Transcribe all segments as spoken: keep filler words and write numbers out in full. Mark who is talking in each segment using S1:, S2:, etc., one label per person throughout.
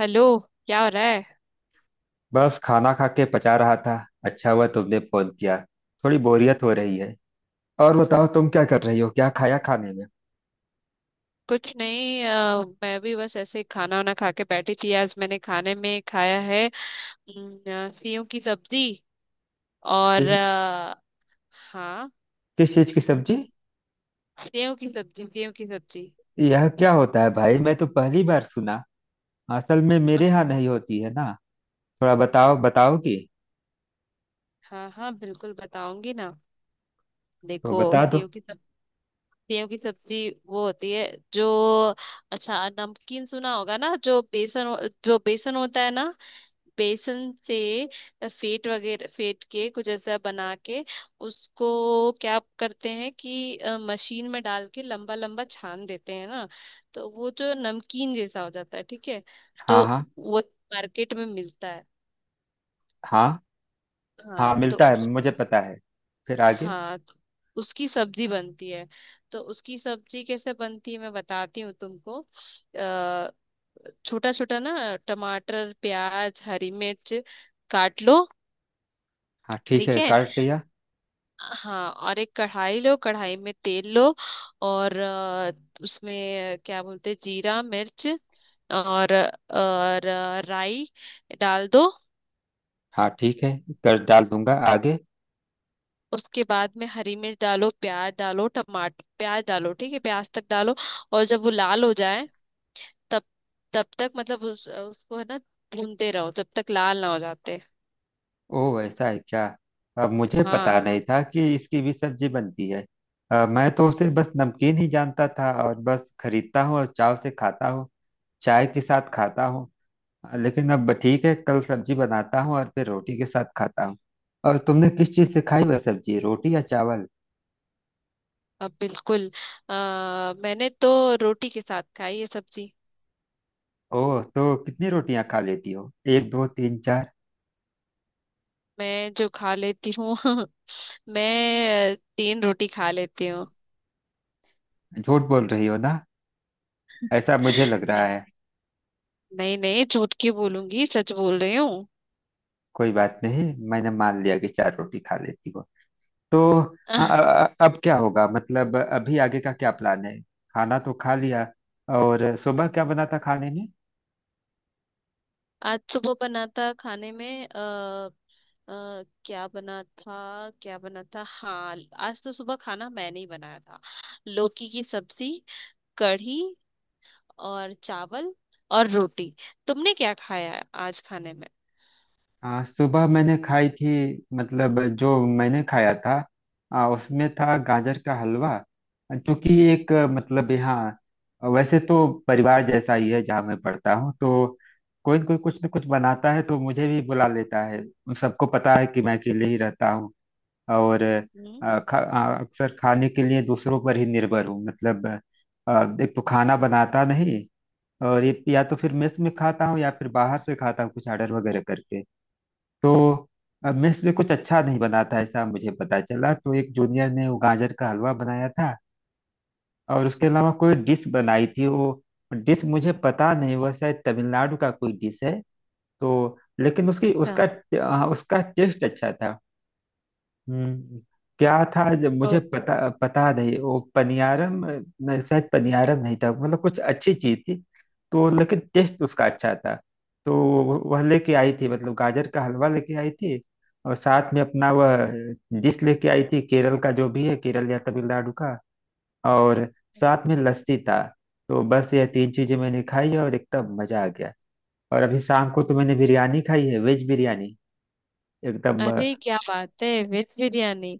S1: Hello. क्या हो रहा है?
S2: बस खाना खा के पचा रहा था। अच्छा हुआ तुमने फोन किया। थोड़ी बोरियत हो रही है। और बताओ, तुम क्या कर रही हो, क्या खाया खाने में।
S1: कुछ नहीं, अ, मैं भी बस ऐसे ही खाना वाना खा के बैठी थी। आज मैंने खाने में खाया है अम, अ, सेव की सब्जी। और
S2: किस।
S1: अ, हाँ,
S2: किस चीज की सब्जी।
S1: सेव की सब्जी। सेव की सब्जी
S2: यह क्या होता है भाई, मैं तो पहली बार सुना। असल में मेरे यहाँ नहीं होती है ना। थोड़ा बताओ, बताओगी।
S1: हाँ हाँ, बिल्कुल बताऊंगी ना।
S2: तो
S1: देखो,
S2: बता दो।
S1: सेव की सब्जी, सेव की सब्जी वो होती है जो, अच्छा, नमकीन सुना होगा ना, जो बेसन हो- जो बेसन होता है ना, बेसन से फेट वगैरह फेट के कुछ ऐसा बना के उसको क्या करते हैं कि अ, मशीन में डाल के लंबा लंबा छान देते हैं ना, तो वो जो नमकीन जैसा हो जाता है। ठीक है,
S2: हाँ
S1: तो
S2: हाँ।
S1: वो मार्केट में मिलता है।
S2: हाँ हाँ,
S1: हाँ तो
S2: मिलता है,
S1: उस
S2: मुझे पता है। फिर आगे।
S1: हाँ तो उसकी सब्जी बनती है। तो उसकी सब्जी कैसे बनती है मैं बताती हूँ तुमको। अ छोटा छोटा ना टमाटर प्याज हरी मिर्च काट लो।
S2: हाँ, ठीक
S1: ठीक
S2: है,
S1: है।
S2: काट लिया।
S1: हाँ, और एक कढ़ाई लो, कढ़ाई में तेल लो, और अ, उसमें क्या बोलते हैं, जीरा मिर्च और और अ, राई डाल दो।
S2: हाँ, ठीक है, कर डाल दूंगा आगे।
S1: उसके बाद में हरी मिर्च डालो, प्याज डालो, टमाटर प्याज डालो ठीक है, प्याज तक डालो। और जब वो लाल हो जाए, तब, तब तक मतलब उस, उसको है ना, भूनते रहो जब तक लाल ना हो जाते।
S2: ओह, ऐसा है क्या। अब मुझे पता
S1: हाँ,
S2: नहीं था कि इसकी भी सब्जी बनती है। अ, मैं तो उसे बस नमकीन ही जानता था, और बस खरीदता हूँ और चाव से खाता हूँ। चाय के साथ खाता हूँ। अ, लेकिन अब ठीक है, कल सब्जी बनाता हूँ और फिर रोटी के साथ खाता हूँ। और तुमने किस चीज़ से खाई वह सब्जी, रोटी या चावल।
S1: अब बिल्कुल, आ, मैंने तो रोटी के साथ खाई ये सब्जी।
S2: ओह, तो कितनी रोटियां खा लेती हो, एक दो तीन चार।
S1: मैं जो खा लेती हूँ मैं तीन रोटी खा लेती हूँ।
S2: झूठ बोल रही हो ना, ऐसा मुझे लग रहा है।
S1: नहीं नहीं, झूठ क्यों बोलूंगी, सच बोल रही हूँ।
S2: कोई बात नहीं, मैंने मान लिया कि चार रोटी खा लेती हो। तो अ-
S1: आह,
S2: अ- अब क्या होगा, मतलब अभी आगे का क्या प्लान है, खाना तो खा लिया। और सुबह क्या बना था खाने में।
S1: आज सुबह बना था खाने में, आ, अ क्या बना था क्या बना था, हाँ, आज तो सुबह खाना मैंने ही बनाया था। लौकी की सब्जी, कढ़ी, और चावल, और रोटी। तुमने क्या खाया आज खाने में?
S2: आ, सुबह मैंने खाई थी, मतलब जो मैंने खाया था, आ, उसमें था गाजर का हलवा। जो कि एक आ, मतलब यहाँ वैसे तो परिवार जैसा ही है जहाँ मैं पढ़ता हूँ, तो कोई न कोई कुछ न कुछ बनाता है तो मुझे भी बुला लेता है। सबको पता है कि मैं अकेले ही रहता हूँ। और
S1: हम्म।
S2: अ, खा, अ, अक्सर खाने के लिए दूसरों पर ही निर्भर हूँ मतलब। अ, एक तो खाना बनाता नहीं, और ये या तो फिर मेस में खाता हूँ या फिर बाहर से खाता हूँ कुछ ऑर्डर वगैरह करके। तो अ, मेस में कुछ अच्छा नहीं बनाता ऐसा मुझे पता चला, तो एक जूनियर ने वो गाजर का हलवा बनाया था। और उसके अलावा कोई डिश बनाई थी वो। डिश मुझे पता नहीं, वह शायद तमिलनाडु का कोई डिश है। तो लेकिन उसकी
S1: अच्छा।
S2: उसका हाँ, उसका टेस्ट अच्छा था। हम्म। क्या था जब मुझे पता, पता नहीं वो पनियारम नहीं, शायद पनियारम नहीं था, मतलब कुछ अच्छी चीज थी। तो लेकिन टेस्ट उसका अच्छा था। तो वो- वह लेके आई थी, मतलब गाजर का हलवा लेके आई थी। और साथ में अपना वह डिश लेके आई थी, केरल का जो भी है, केरल या तमिलनाडु का। और साथ में लस्सी था। तो बस ये तीन चीजें मैंने खाई और एकदम मजा आ गया। और अभी शाम को तो मैंने बिरयानी खाई है, वेज बिरयानी एकदम।
S1: अरे क्या बात है, वेज बिरयानी!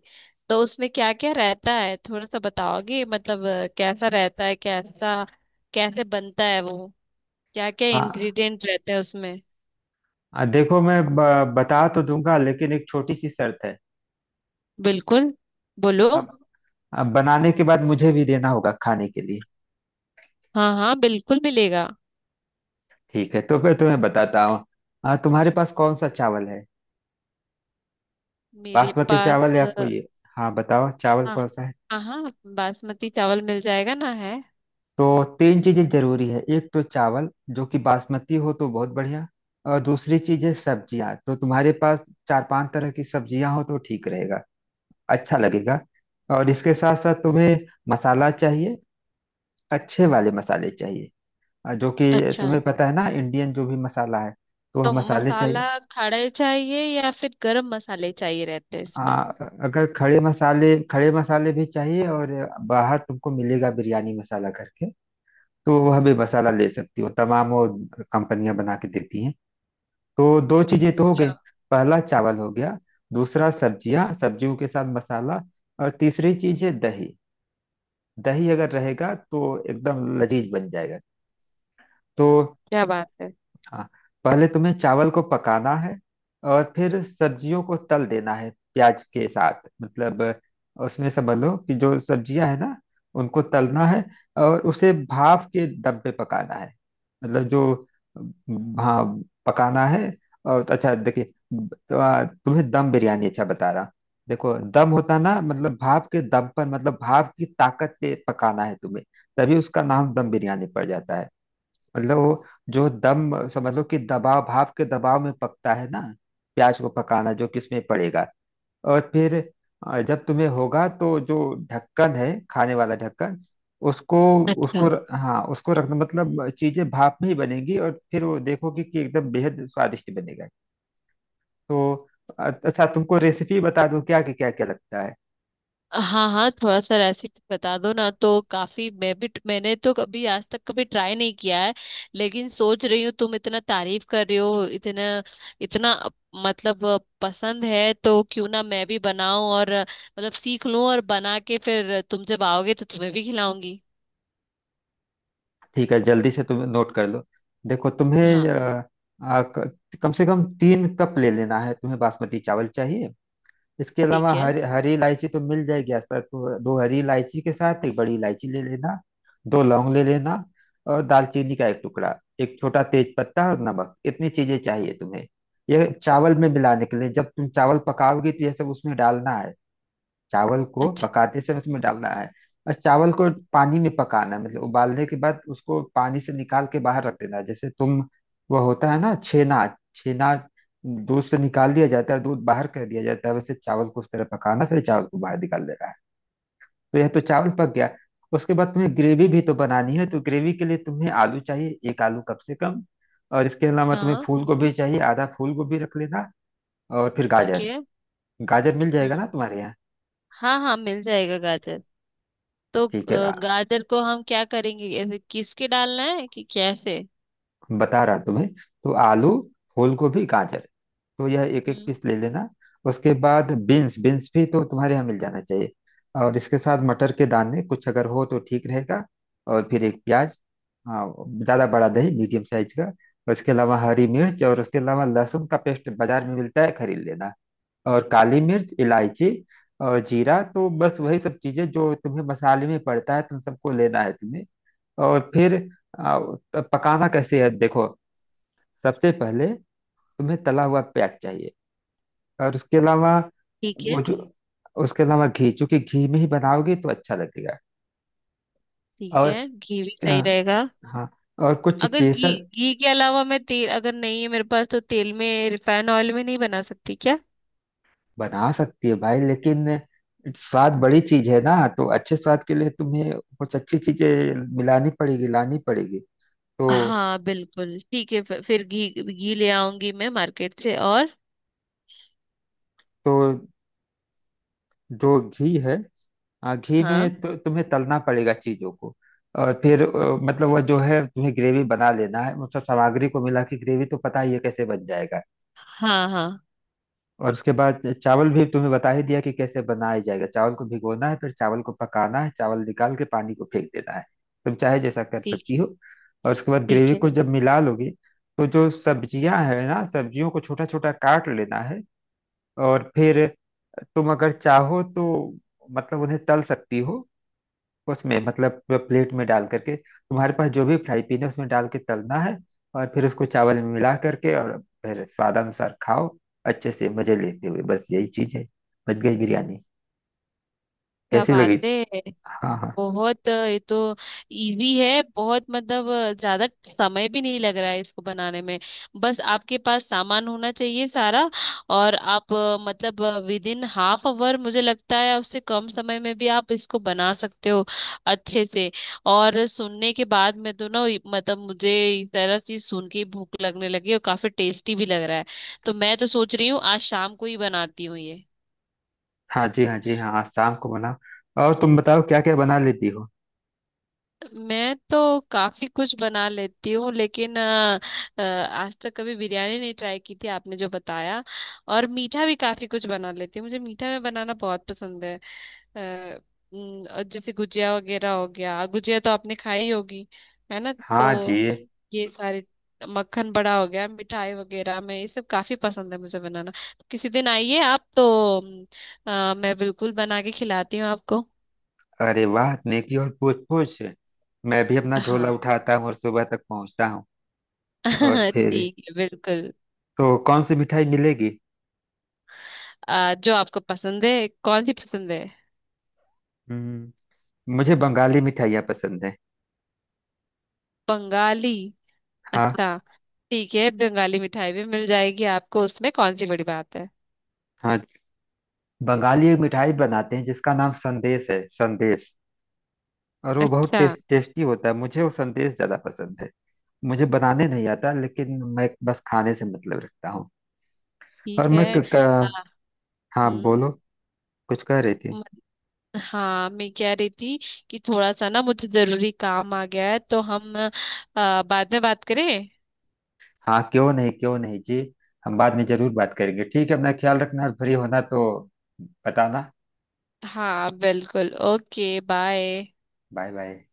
S1: तो उसमें क्या क्या रहता है, थोड़ा सा बताओगे, मतलब अ, कैसा रहता है, कैसा कैसे बनता है वो, क्या क्या
S2: हाँ।
S1: इंग्रेडिएंट रहते हैं उसमें?
S2: आ, देखो मैं ब, बता तो दूंगा, लेकिन एक छोटी सी शर्त है।
S1: बिल्कुल, बोलो।
S2: अब अब बनाने के बाद मुझे भी देना होगा खाने के लिए।
S1: हाँ हाँ, बिल्कुल मिलेगा।
S2: ठीक है, तो मैं तुम्हें बताता हूँ। आ, तुम्हारे पास कौन सा चावल है,
S1: मेरे
S2: बासमती
S1: पास
S2: चावल या
S1: अ,
S2: कोई। हाँ बताओ, चावल
S1: हाँ,
S2: कौन सा है।
S1: हाँ हाँ बासमती चावल मिल जाएगा ना, है।
S2: तो तीन चीजें जरूरी है, एक तो चावल जो कि बासमती हो तो बहुत बढ़िया। और दूसरी चीज है सब्जियां, तो तुम्हारे पास चार पांच तरह की सब्जियां हो तो ठीक रहेगा, अच्छा लगेगा। और इसके साथ साथ तुम्हें मसाला चाहिए, अच्छे वाले मसाले चाहिए। आ, जो कि
S1: अच्छा,
S2: तुम्हें पता है ना, इंडियन जो भी मसाला है, तो वह
S1: तो
S2: मसाले
S1: मसाला
S2: चाहिए।
S1: खड़े चाहिए या फिर गरम मसाले चाहिए रहते हैं इसमें?
S2: आ, अगर खड़े मसाले खड़े मसाले भी चाहिए, और बाहर तुमको मिलेगा बिरयानी मसाला करके, तो वह भी मसाला ले सकती हो, तमाम वो कंपनियां बना के देती हैं। तो दो चीजें तो हो
S1: अच्छा।
S2: गई, पहला चावल हो गया, दूसरा सब्जियां, सब्जियों के साथ मसाला। और तीसरी चीज है दही, दही अगर रहेगा तो एकदम लजीज बन जाएगा। तो
S1: क्या बात है।
S2: हाँ, पहले तुम्हें चावल को पकाना है, और फिर सब्जियों को तल देना है प्याज के साथ, मतलब उसमें समझ लो कि जो सब्जियां है ना, उनको तलना है, और उसे भाप के दम पे पकाना है, मतलब जो, हाँ, पकाना है। और अच्छा देखिए, तो आ, तुम्हें दम बिरयानी अच्छा बता रहा। देखो दम होता ना, मतलब भाप के दम पर, मतलब भाप की ताकत पे पकाना है तुम्हें, तभी उसका नाम दम बिरयानी पड़ जाता है। मतलब वो, जो दम समझ लो कि दबाव, भाप के दबाव में पकता है ना। प्याज को पकाना जो कि उसमें पड़ेगा, और फिर अ, जब तुम्हें होगा तो जो ढक्कन है, खाने वाला ढक्कन, उसको।
S1: अच्छा,
S2: उसको र- हाँ, उसको रखना, मतलब चीजें भाप में ही बनेंगी और फिर वो देखोगे कि एकदम बेहद स्वादिष्ट बनेगा। तो अ- अच्छा, तुमको रेसिपी बता दूं क्या, कि क्या क्या लगता है।
S1: हाँ हाँ, थोड़ा सा रेसिपी बता दो ना, तो काफी, मैं भी, मैंने तो कभी आज तक कभी ट्राई नहीं किया है। लेकिन सोच रही हूँ, तुम इतना तारीफ कर रही हो, इतना इतना अ, मतलब अ, पसंद है तो क्यों ना मैं भी बनाऊं, और अ, मतलब सीख लूं, और बना के फिर तुम जब आओगे तो तुम्हें भी खिलाऊंगी।
S2: ठीक है, जल्दी से तुम नोट कर लो। देखो तुम्हें
S1: हाँ
S2: अ, अ, क- कम से कम तीन कप ले लेना है, तुम्हें बासमती चावल चाहिए। इसके
S1: ठीक
S2: अलावा
S1: है।
S2: हरी हरी इलायची तो मिल जाएगी आसपास, तो दो हरी इलायची के साथ एक बड़ी इलायची ले लेना। दो लौंग ले लेना और दालचीनी का एक टुकड़ा, एक छोटा तेज पत्ता और नमक, इतनी चीजें चाहिए तुम्हें। ये चावल में मिलाने के लिए, जब तुम चावल पकाओगी तो ये सब उसमें डालना है, चावल को
S1: अच्छा।
S2: पकाते समय उसमें डालना है। और चावल को पानी में पकाना है, मतलब उबालने के बाद उसको पानी से निकाल के बाहर रख देना है, जैसे तुम, वो होता है ना छेना, छेना दूध से निकाल दिया जाता है, दूध बाहर कर दिया जाता है, वैसे चावल को उस तरह पकाना, फिर चावल को बाहर निकाल देना है। तो यह तो चावल पक गया। उसके बाद तुम्हें ग्रेवी भी तो बनानी है, तो ग्रेवी के लिए तुम्हें आलू चाहिए, एक आलू कम से कम। और इसके अलावा तुम्हें
S1: हाँ
S2: फूल गोभी चाहिए, आधा फूल गोभी रख लेना। और फिर
S1: ठीक
S2: गाजर,
S1: है।
S2: गाजर मिल जाएगा
S1: हम्म।
S2: ना तुम्हारे यहाँ।
S1: हाँ हाँ, मिल जाएगा गाजर। तो अ,
S2: ठीक है,
S1: गाजर को हम क्या करेंगे, ऐसे किस के डालना है कि कैसे?
S2: बता रहा तुम्हें। तो आलू, फूल गोभी, गाजर, तो यह एक एक
S1: हम्म।
S2: पीस ले लेना। उसके बाद बीन्स, बीन्स भी तो तुम्हारे यहाँ मिल जाना चाहिए, और इसके साथ मटर के दाने कुछ अगर हो तो ठीक रहेगा। और फिर एक प्याज, हाँ, ज़्यादा बड़ा नहीं, मीडियम साइज का। और इसके अलावा हरी मिर्च, और उसके अलावा लहसुन का पेस्ट, बाजार में मिलता है खरीद लेना। और काली मिर्च, इलायची और जीरा, तो बस वही सब चीज़ें जो तुम्हें मसाले में पड़ता है, तुम सबको लेना है तुम्हें। और फिर आ, पकाना कैसे है देखो। सबसे पहले तुम्हें तला हुआ प्याज चाहिए, और उसके अलावा
S1: ठीक
S2: वो
S1: है।
S2: जो, उसके अलावा घी, चूंकि घी में ही बनाओगे तो अच्छा लगेगा।
S1: ठीक
S2: और
S1: है, घी भी
S2: अ,
S1: सही रहेगा।
S2: हाँ, और कुछ
S1: अगर घी
S2: केसर।
S1: घी के अलावा, मैं तेल, अगर नहीं है मेरे पास, तो तेल में, रिफाइन ऑयल में नहीं बना सकती क्या?
S2: बना सकती है भाई, लेकिन स्वाद बड़ी चीज है ना, तो अच्छे स्वाद के लिए तुम्हें कुछ अच्छी चीजें मिलानी पड़ेगी, लानी पड़ेगी। तो
S1: हाँ बिल्कुल ठीक है, फिर फिर घी घी ले आऊंगी मैं मार्केट से। और
S2: तो जो घी है, हाँ, घी
S1: हाँ
S2: में तो तुम्हें तलना पड़ेगा चीजों को। और फिर अ, मतलब वह जो है तुम्हें ग्रेवी बना लेना है, मतलब सामग्री को मिला के ग्रेवी, तो पता ही है कैसे बन जाएगा।
S1: हाँ हाँ।
S2: और उसके बाद चावल भी तुम्हें बता ही दिया कि कैसे बनाया जाएगा, चावल को भिगोना है, फिर चावल को पकाना है, चावल निकाल के पानी को फेंक देना है, तुम चाहे जैसा कर
S1: ठीक,
S2: सकती हो। और उसके बाद
S1: ठीक
S2: ग्रेवी
S1: है।
S2: को जब मिला लोगे, तो जो सब्जियां है ना, सब्जियों को छोटा छोटा काट लेना है। और फिर तुम अगर चाहो तो, मतलब उन्हें तल सकती हो उसमें, मतलब प्लेट में डाल करके तुम्हारे पास जो भी फ्राई पीन है उसमें डाल के तलना है। और फिर उसको चावल में मिला करके, और फिर स्वादानुसार खाओ, अच्छे से मजे लेते हुए। बस यही चीज है, बच गई बिरयानी।
S1: क्या
S2: कैसी
S1: बात
S2: लगी।
S1: है।
S2: हाँ हाँ।
S1: बहुत अ, ये तो इजी है बहुत, मतलब अ, ज्यादा समय भी नहीं लग रहा है इसको बनाने में। बस आपके पास सामान होना चाहिए सारा, और आप अ, मतलब विद इन हाफ आवर, मुझे लगता है उससे कम समय में भी आप इसको बना सकते हो, अच्छे से। और सुनने के बाद में तो ना ये- मतलब मुझे इस तरह चीज सुन के ही भूख लगने लगी, और काफी टेस्टी भी लग रहा है। तो मैं तो सोच रही हूँ आज शाम को ही बनाती हूँ ये।
S2: हाँ जी, हाँ जी, हाँ हाँ, शाम को बनाओ। और तुम बताओ, क्या क्या बना लेती हो।
S1: मैं तो काफी कुछ बना लेती हूँ लेकिन अ, अ, आज तक कभी बिरयानी नहीं ट्राई की थी, आपने जो बताया। और मीठा भी काफी कुछ बना लेती हूँ, मुझे मीठा में बनाना बहुत पसंद है। अ, उम, और जैसे गुजिया वगैरह हो गया, गुजिया तो आपने खाई होगी, है ना?
S2: हाँ
S1: तो
S2: जी।
S1: ये सारे, मक्खन बड़ा हो गया, मिठाई वगैरह में, ये सब काफी पसंद है मुझे बनाना। तो किसी दिन आइए आप तो, अम, अ, मैं बिल्कुल बना के खिलाती हूँ आपको।
S2: अरे वाह, नेकी और पूछ पूछ, मैं भी अपना झोला
S1: हाँ
S2: उठाता हूँ और सुबह तक पहुँचता हूँ। और फिर
S1: ठीक है बिल्कुल।
S2: तो कौन सी मिठाई मिलेगी।
S1: आ, जो आपको पसंद है, कौन सी पसंद है?
S2: हम्म। मुझे बंगाली मिठाइयाँ पसंद
S1: बंगाली।
S2: है।
S1: अच्छा, ठीक है, बंगाली मिठाई भी मिल जाएगी आपको, उसमें कौन सी बड़ी बात है।
S2: हाँ। बंगाली एक मिठाई बनाते हैं जिसका नाम संदेश है, संदेश। और वो बहुत
S1: अच्छा।
S2: टेस्ट टेस्टी होता है, मुझे वो संदेश ज्यादा पसंद है। मुझे बनाने नहीं आता, लेकिन मैं बस खाने से मतलब रखता हूँ।
S1: ठीक
S2: और
S1: है।
S2: मैं। क,
S1: आ,
S2: क, हाँ
S1: हम्म।
S2: बोलो, कुछ कह रही थी।
S1: म- हाँ, मैं कह रही थी कि थोड़ा सा ना मुझे जरूरी काम आ गया है, तो हम आ, बाद में बात करें?
S2: हाँ, क्यों नहीं, क्यों नहीं जी। हम बाद में जरूर बात करेंगे, ठीक है, अपना ख्याल रखना, और फ्री होना तो बताना।
S1: हाँ बिल्कुल, ओके, बाय।
S2: Bye bye.